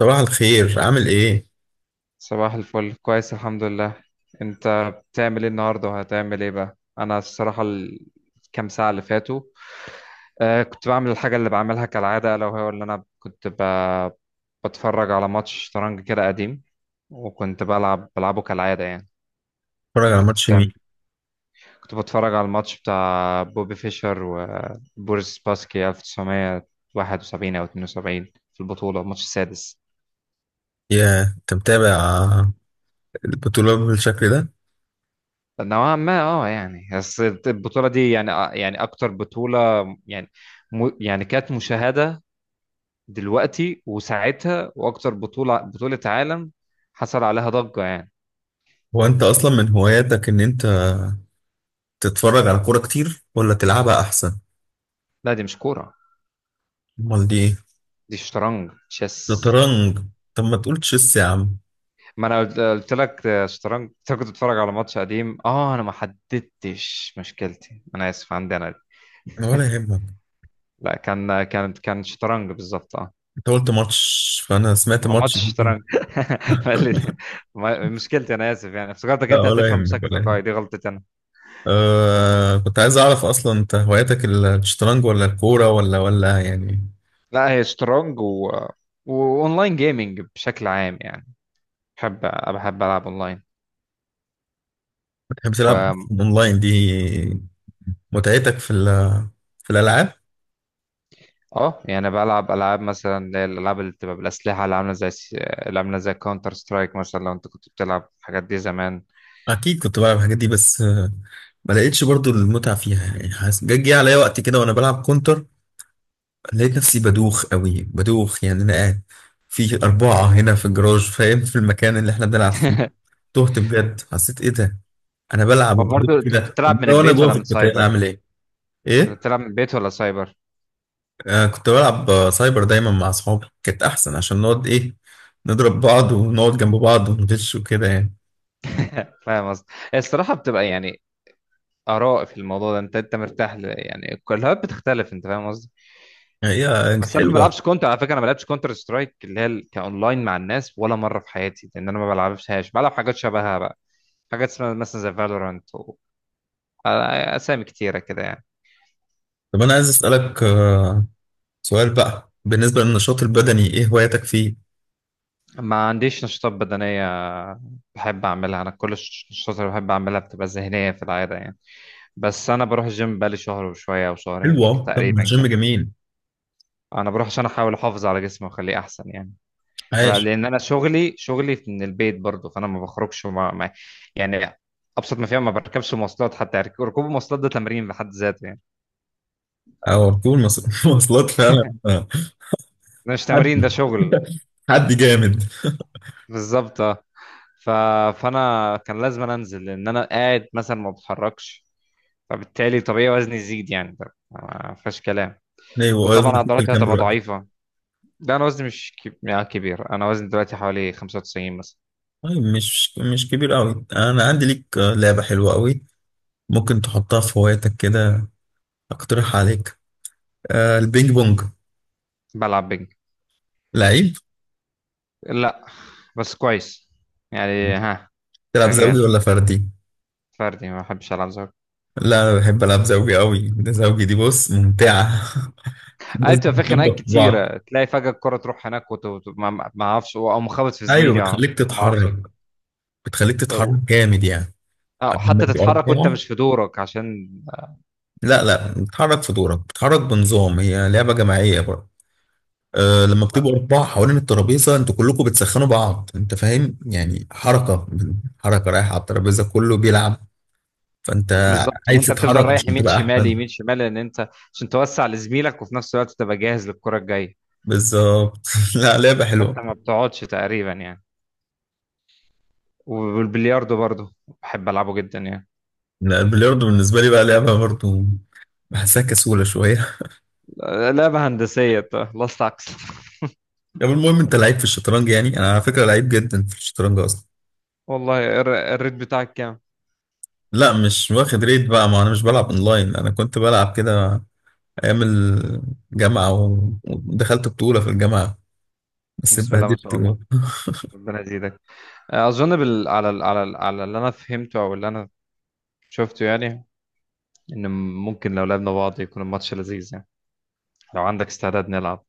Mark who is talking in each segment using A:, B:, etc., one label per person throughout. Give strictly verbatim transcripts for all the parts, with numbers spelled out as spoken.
A: صباح الخير، عامل ايه؟
B: صباح الفل، كويس الحمد لله. انت بتعمل ايه النهارده وهتعمل ايه بقى؟ انا الصراحه الكام ساعه اللي فاتوا آه، كنت بعمل الحاجه اللي بعملها كالعاده، لو هو اللي انا كنت ب... بتفرج على ماتش شطرنج كده قديم. وكنت بلعب بلعبه كالعاده يعني.
A: اتفرج على
B: انت كنت
A: ماتش مين؟
B: بتعمل كنت بتفرج على الماتش بتاع بوبي فيشر وبوريس باسكي ألف وتسعمية واحد وسبعين او اتنين وسبعين، في البطوله الماتش السادس.
A: يا انت متابع البطولة بالشكل ده؟
B: نوعا ما اه يعني، بس البطولة دي يعني آه، يعني أكتر بطولة يعني م... يعني كانت مشاهدة دلوقتي وساعتها، وأكتر بطولة بطولة عالم حصل عليها ضجة يعني.
A: هو انت اصلا من هواياتك ان انت تتفرج على كورة كتير ولا تلعبها احسن؟
B: لا، دي مش كورة،
A: امال دي ايه؟
B: دي شطرنج تشيس.
A: شطرنج. طب ما تقول تشيس يا عم.
B: ما أنا قلت قلت لك آه، شطرنج. أنت كنت بتتفرج على ماتش قديم اه أنا ما حددتش. مشكلتي أنا آسف، عندي أنا دي.
A: انا ولا يهمك.
B: لا، كان كان كان شطرنج بالظبط اه.
A: انت قلت ماتش فانا سمعت
B: ما هو
A: ماتش
B: ماتش
A: دي.
B: شطرنج. ما اللي- ما- مشكلتي انا اسف، يعني افتكرتك
A: لا،
B: انت
A: ولا
B: هتفهم
A: يهمك،
B: بشكل
A: ولا
B: تلقائي، دي
A: يهمك.
B: غلطتي انا.
A: أه كنت عايز اعرف اصلا انت هواياتك الشطرنج ولا الكورة ولا ولا يعني.
B: لا، هي شطرنج و... واونلاين جيمنج بشكل عام يعني. بحب، بحب العب اونلاين
A: بتحب تلعب
B: و...
A: اونلاين دي متعتك في ال- في الالعاب؟
B: اه يعني بلعب العاب مثلا، اللي هي الالعاب اللي بتبقى بالاسلحه اللي عامله زي الس- اللي عامله زي كاونتر سترايك مثلا، لو انت كنت بتلعب الحاجات دي زمان.
A: اكيد كنت بلعب الحاجات دي بس، آه، ما لقيتش برضو المتعه فيها. يعني حاسس جه جه عليا وقت كده وانا بلعب كونتر، لقيت نفسي بدوخ قوي، بدوخ يعني. انا قاعد في اربعه هنا في الجراج، فاهم، في المكان اللي احنا بنلعب فيه. تهت بجد، حسيت ايه ده؟ انا بلعب
B: هو
A: وبدوخ
B: برضه انت كنت
A: كده،
B: بتلعب من
A: امال وانا
B: البيت
A: جوه
B: ولا
A: في
B: من
A: القتال
B: سايبر؟
A: اعمل ايه؟
B: كنت
A: ايه؟
B: بتلعب من البيت ولا سايبر؟
A: آه كنت بلعب، آه، سايبر دايما مع اصحابي كانت احسن، عشان نقعد ايه، نضرب بعض ونقعد جنب بعض وندش وكده يعني.
B: فاهم قصدي؟ الصراحه بتبقى يعني اراء في الموضوع ده، انت انت مرتاح ل... يعني الكلهات بتختلف، انت فاهم قصدي.
A: يعني هي
B: بس انا ما
A: حلوه.
B: بلعبش كونتر، على فكره انا ما بلعبش كونتر سترايك اللي هي ال- كاونلاين مع الناس، ولا مره في حياتي لان انا ما بلعبهاش. بلعب حاجات شبهها بقى، حاجات اسمها مثلا زي فالورانت و... آه، اسامي كتيره كده يعني.
A: طب انا عايز اسالك آه، سؤال بقى، بالنسبة للنشاط البدني، ايه هواياتك فيه؟
B: ما عنديش نشاطات بدنيه بحب اعملها. انا كل الش- النشاطات اللي بحب اعملها بتبقى ذهنيه في العاده يعني. بس انا بروح الجيم بقالي شهر وشويه او شهرين
A: حلوة. طب ما
B: تقريبا
A: الجيم
B: كده.
A: جميل.
B: انا بروح عشان احاول احافظ على جسمي واخليه احسن يعني. ما-
A: عاش.
B: لان انا شغلي شغلي من البيت برضو، فانا ما بخرجش مع... مع... يعني ابسط ما فيها ما بركبش مواصلات، حتى رك- ركوب المواصلات ده تمرين بحد ذاته يعني.
A: او ركوب المص- مواصلات فعلا آه.
B: ده مش
A: حد
B: تمرين، ده شغل.
A: حد جامد.
B: بالظبط اه. ف... فانا كان لازم أنا انزل، لان انا قاعد مثلا ما بتحركش، فبالتالي طبيعي وزني يزيد يعني، ده ما فيهاش كلام.
A: ايوه،
B: وطبعا
A: وزنك في
B: عضلاتي
A: كام
B: هتبقى
A: دلوقتي؟
B: ضعيفه. ده انا وزني مش كب... يعني كبير، انا وزني دلوقتي حوالي خمسة وتسعين مثلا.
A: طيب، مش مش كبير قوي. انا عندي ليك آه، لعبة حلوة قوي، ممكن تحطها في هواياتك كده. اقترح عليك آه البينج بونج.
B: بلعب بينج.
A: لعيب.
B: لا، بس كويس يعني، ها.
A: تلعب زوجي
B: شغال.
A: ولا فردي؟
B: فردي، ما بحبش العب زوجي.
A: لا، انا بحب العب زوجي قوي، ده زوجي دي بص ممتعة.
B: عارف،
A: بس
B: تبقى في خناقات
A: بتخبط في بعض.
B: كتيره، تلاقي فجاه الكره تروح هناك وت- وت- ما ما اعرفش، او مخبط في
A: ايوه،
B: زميلي أو
A: بتخليك
B: ما اعرفش
A: تتحرك.
B: أجيب.
A: بتخليك تتحرك جامد يعني.
B: اه،
A: لما
B: حتى
A: يبقى
B: تتحرك وانت
A: أربعة.
B: مش في دورك عشان.
A: لا لا، بتتحرك في دورك، بتتحرك بنظام، هي لعبة جماعية برضه. أه لما بتبقوا أربعة حوالين الترابيزة، أنتوا كلكم بتسخنوا بعض، أنت فاهم، يعني حركة حركة رايحة على الترابيزة، كله بيلعب، فأنت
B: بالظبط،
A: عايز
B: وانت بتفضل
A: تتحرك
B: رايح
A: عشان
B: يمين
A: تبقى
B: شمال
A: أحسن.
B: يمين شمال، لان انت عشان توسع لزميلك وفي نفس الوقت تبقى جاهز للكره الجايه.
A: بالظبط. لا، لعبة حلوة.
B: حتى ما بتقعدش تقريبا يعني. والبلياردو برضه بحب العبه جدا يعني،
A: لا، البلياردو بالنسبة لي بقى لعبة برضه، بحسها كسولة شوية.
B: لعبه هندسيه خلصت عكس.
A: طب المهم، أنت لعيب في الشطرنج يعني؟ أنا على فكرة لعيب جدا في الشطرنج أصلا.
B: والله، الر- الريت بتاعك كام؟
A: لا، مش واخد ريت بقى، ما انا مش بلعب اونلاين. انا كنت بلعب كده ايام الجامعه و- ودخلت بطوله في الجامعه، بس
B: بسم الله ما
A: اتبهدلت
B: شاء
A: جوه.
B: الله، ربنا يزيدك. اظن بال... على ال... على ال... على اللي انا فهمته او اللي انا شفته يعني، ان ممكن لو لعبنا بعض يكون الماتش لذيذ يعني. لو عندك استعداد نلعب؟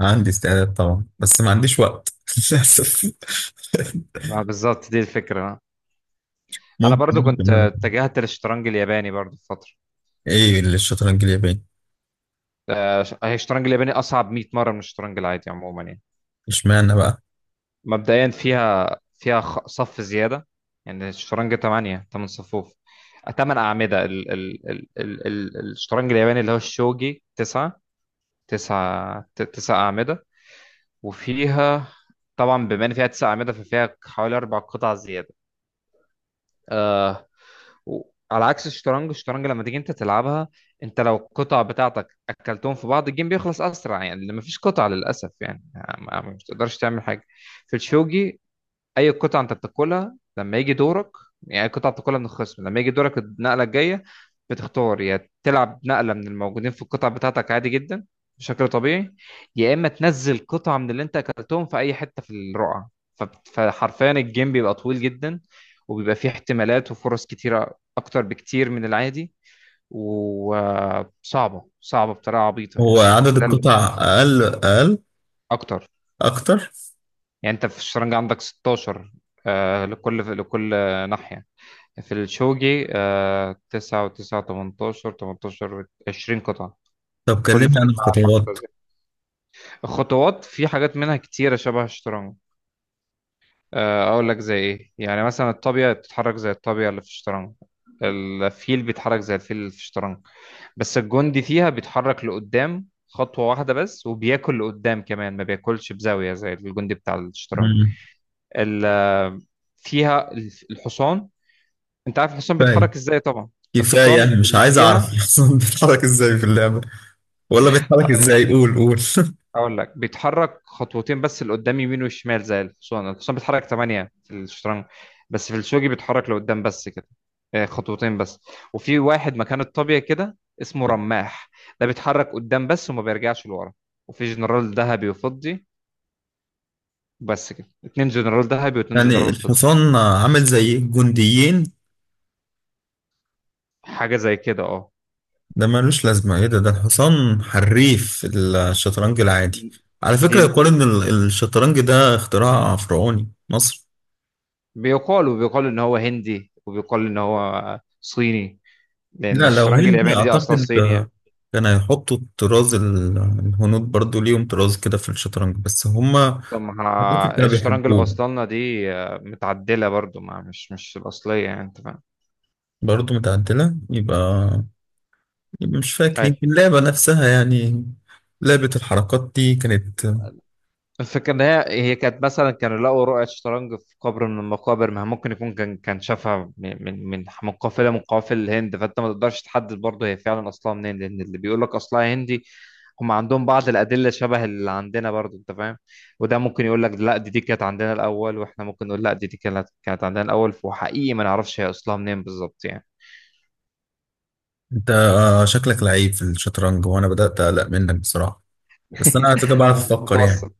A: عندي استعداد طبعا، بس ما عنديش وقت، للاسف.
B: ما بالظبط دي الفكره. انا
A: ممكن
B: برضو
A: ممكن
B: كنت آه،
A: أنا.
B: اتجهت للشطرنج الياباني برضو في فتره.
A: ايه اللي الشطرنج الياباني؟
B: آه، ش- هي الشطرنج الياباني اصعب مية مره من الشطرنج العادي عموما يعني.
A: اشمعنى بقى؟
B: مبدئيا فيها فيها خ- صف زياده يعني. الشطرنج ثمانية ثمانية صفوف، ثمانية اعمده. ال... ال... ال... ال... ال- الشطرنج الياباني اللي هو الشوجي، تسعة تسعة تسع اعمده. وفيها طبعا بما ان فيها تسع اعمده، ففيها حوالي اربع قطع زياده. آه و- على عكس الشطرنج، الشطرنج لما تيجي انت تلعبها، انت لو القطع بتاعتك اكلتهم في بعض الجيم بيخلص اسرع يعني، ما فيش قطع للاسف يعني. ما ما- مش تقدرش تعمل حاجه. في الشوجي، اي قطعه انت بتاكلها لما يجي دورك يعني أي قطعه بتاكلها من الخصم لما يجي دورك النقله الجايه، بتختار يا تلعب نقله من الموجودين في القطع بتاعتك عادي جدا بشكل طبيعي، يا اما تنزل قطعه من اللي انت اكلتهم في اي حته في الرقعه. فب- فحرفيا الجيم بيبقى طويل جدا، وبيبقى فيه احتمالات وفرص كتيره اكتر بكتير من العادي، وصعبه صعبه صعبة بطريقه عبيطه
A: هو
B: يعني.
A: عدد
B: وده اللي-
A: القطع اقل اقل
B: اكتر.
A: اكتر.
B: يعني انت في الشطرنج عندك ستة عشر آه، لكل لكل ناحيه. في الشوجي آه، تسعة وتسعة تمنتاشر، تمنتاشر عشرين قطعة،
A: طب
B: كل
A: كلمني عن
B: فريق مع أربع قطع
A: الخطوات.
B: زي. الخطوات في حاجات منها كتيرة شبه الشطرنج. آه، أقول لك زي إيه، يعني مثلا الطابية بتتحرك زي الطابية اللي في الشطرنج، الفيل بيتحرك زي الفيل اللي في الشطرنج. بس الجندي فيها بيتحرك لقدام خطوة واحدة بس، وبياكل لقدام كمان، ما بياكلش بزاوية زي الجندي بتاع الشطرنج.
A: مم.
B: ال- آه، فيها الحصان. أنت عارف الحصان
A: كفايه
B: بيتحرك إزاي طبعا؟
A: كفايه
B: الحصان
A: يعني، مش
B: اللي
A: عايز اعرف
B: فيها
A: اصلا بيتحرك ازاي في اللعبه. ولا بيتحرك
B: آه،
A: ازاي؟ قول قول.
B: اقول لك بيتحرك خطوتين بس لقدام، يمين وشمال. زي الحصان الحصان بيتحرك ثمانية في الشطرنج، بس في الشوجي بيتحرك لقدام بس كده، آه، خطوتين بس. وفي واحد مكان الطابية كده اسمه رماح، ده بيتحرك قدام بس وما بيرجعش لورا. وفي جنرال ذهبي وفضي بس كده، اتنين جنرال ذهبي واتنين
A: يعني
B: جنرال فضي.
A: الحصان عامل زي الجنديين؟
B: حاجة زي كده اه.
A: ده ملوش لازمة، ايه ده ده الحصان حريف في الشطرنج العادي. على فكرة،
B: ليه
A: يقال
B: ليه-
A: ان ال- الشطرنج ده اختراع فرعوني مصر.
B: بيقال، وبيقال ان هو هندي وبيقال ان هو صيني، لان
A: لا، لو
B: الشطرنج
A: هندي
B: الياباني دي اصلا
A: اعتقد،
B: صيني
A: آه،
B: يعني.
A: كان هيحطوا الطراز، ال- الهنود برضو ليهم طراز كده في الشطرنج بس هما.
B: طب ما
A: اعتقد
B: ها-
A: كانوا
B: الشطرنج اللي
A: بيحبوه.
B: وصلنا دي آه، متعدلة برضو، ما مش مش الأصلية يعني، أنت فاهم.
A: برضو متعدلة، يبقى يبقى مش فاكر
B: أيوة.
A: يمكن اللعبة نفسها يعني. لعبة الحركات دي كانت.
B: الفكرة إن هي هي كانت، مثلا كانوا لقوا رقعة شطرنج في قبر من المقابر، ما ممكن يكون كان كان شافها من من من من قافلة من قوافل الهند. فأنت ما تقدرش تحدد برضه هي فعلا أصلها منين، لأن اللي بيقول لك أصلها هندي هم عندهم بعض الأدلة شبه اللي عندنا برضه، أنت فاهم. وده ممكن يقول لك لا، دي دي كانت عندنا الأول، وإحنا ممكن نقول لا، دي دي كانت كانت عندنا الأول. وحقيقي ما نعرفش هي أصلها منين بالظبط يعني.
A: انت آه، شكلك لعيب في الشطرنج، وانا بدأت اقلق منك بصراحة. بس انا على فكرة بعرف افكر يعني.
B: متوسط.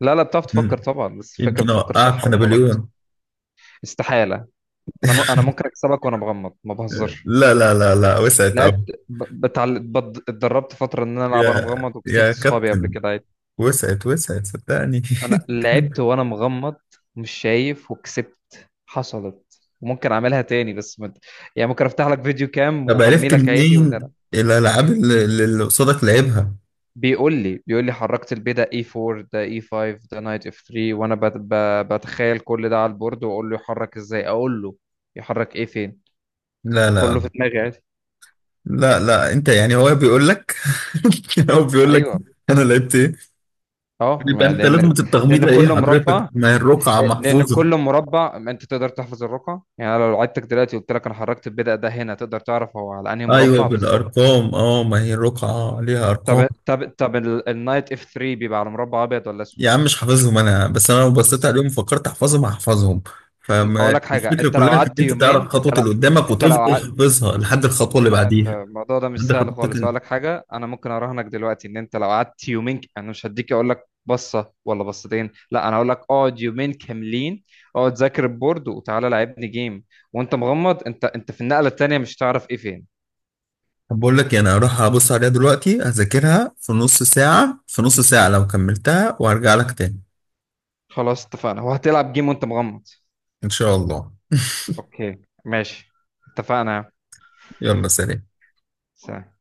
B: لا لا، بتعرف تفكر
A: مم.
B: طبعا، بس الفكره
A: يمكن
B: بتفكر
A: اوقعك
B: صح
A: في
B: ولا غلط.
A: نابليون.
B: استحاله. انا م... انا ممكن اكسبك وانا مغمض، ما بهزرش.
A: لا لا لا لا، وسعت اوي.
B: لعبت ب... بتعل... بد... اتدربت فتره ان انا العب وانا
A: يا
B: مغمض،
A: يا
B: وكسبت صحابي قبل
A: كابتن،
B: كده عادي.
A: وسعت وسعت صدقني.
B: انا لعبت وانا مغمض، مش شايف وكسبت حصلت، وممكن اعملها تاني بس مد... يعني ممكن افتح لك فيديو كام
A: طب
B: واغمي
A: عرفت
B: لك عيني
A: منين
B: ونلعب.
A: الالعاب اللي اللي قصادك لعبها؟
B: بيقول لي بيقول لي حركت البيه ده إي فور، ده إي فايف، ده نايت اف ثري، وانا بت... ب... بتخيل كل ده على البورد، واقول له يحرك ازاي، اقول له يحرك ايه فين،
A: لا
B: وكله في
A: لا
B: دماغي عادي.
A: لا لا، انت يعني هو بيقول لك؟ هو بيقول لك
B: ايوه،
A: انا لعبت ايه؟
B: اه.
A: يبقى
B: ما
A: انت
B: لان
A: لازمة
B: لان
A: التغميضة ايه
B: كل
A: حضرتك،
B: مربع
A: ما هي الرقعة
B: لان
A: محفوظة.
B: كل مربع انت تقدر تحفظ الرقم. يعني أنا لو عدتك دلوقتي قلت لك انا حركت البدأ ده هنا، تقدر تعرف هو على انهي
A: ايوه،
B: مربع بالظبط.
A: بالارقام. اه، ما هي الرقعه ليها ارقام.
B: طب طب طب، النايت اف ثري بيبقى على مربع ابيض ولا اسود؟
A: يا عم، مش حافظهم انا، بس انا لو بصيت
B: بالظبط.
A: عليهم فكرت احفظهم، هحفظهم.
B: اقول
A: فما
B: لك حاجه،
A: الفكره
B: انت لو
A: كلها انك
B: قعدت
A: انت تعرف
B: يومين انت
A: خطوه
B: لو
A: اللي قدامك،
B: انت
A: وتفضل
B: لو
A: حافظها لحد الخطوه اللي
B: انت
A: بعديها.
B: الموضوع ده مش
A: لحد
B: سهل
A: خطوتك
B: خالص. اقول
A: انت.
B: لك حاجه، انا ممكن اراهنك دلوقتي ان انت لو قعدت يومين ك- انا مش هديك، اقول لك بصه ولا بصتين. لا انا هقول لك اقعد يومين كاملين، اقعد ذاكر البورد وتعالى لعبني جيم وانت مغمض. انت انت في النقله التانيه مش هتعرف ايه فين.
A: طب بقول لك إيه، انا هروح ابص عليها دلوقتي هذاكرها في نص ساعه في نص ساعه لو كملتها، وهرجع لك تاني.
B: خلاص، اتفقنا وهتلعب جيم وانت مغمض.
A: ان شاء الله.
B: اوكي، ماشي، اتفقنا.
A: يلا سلام.
B: سلام.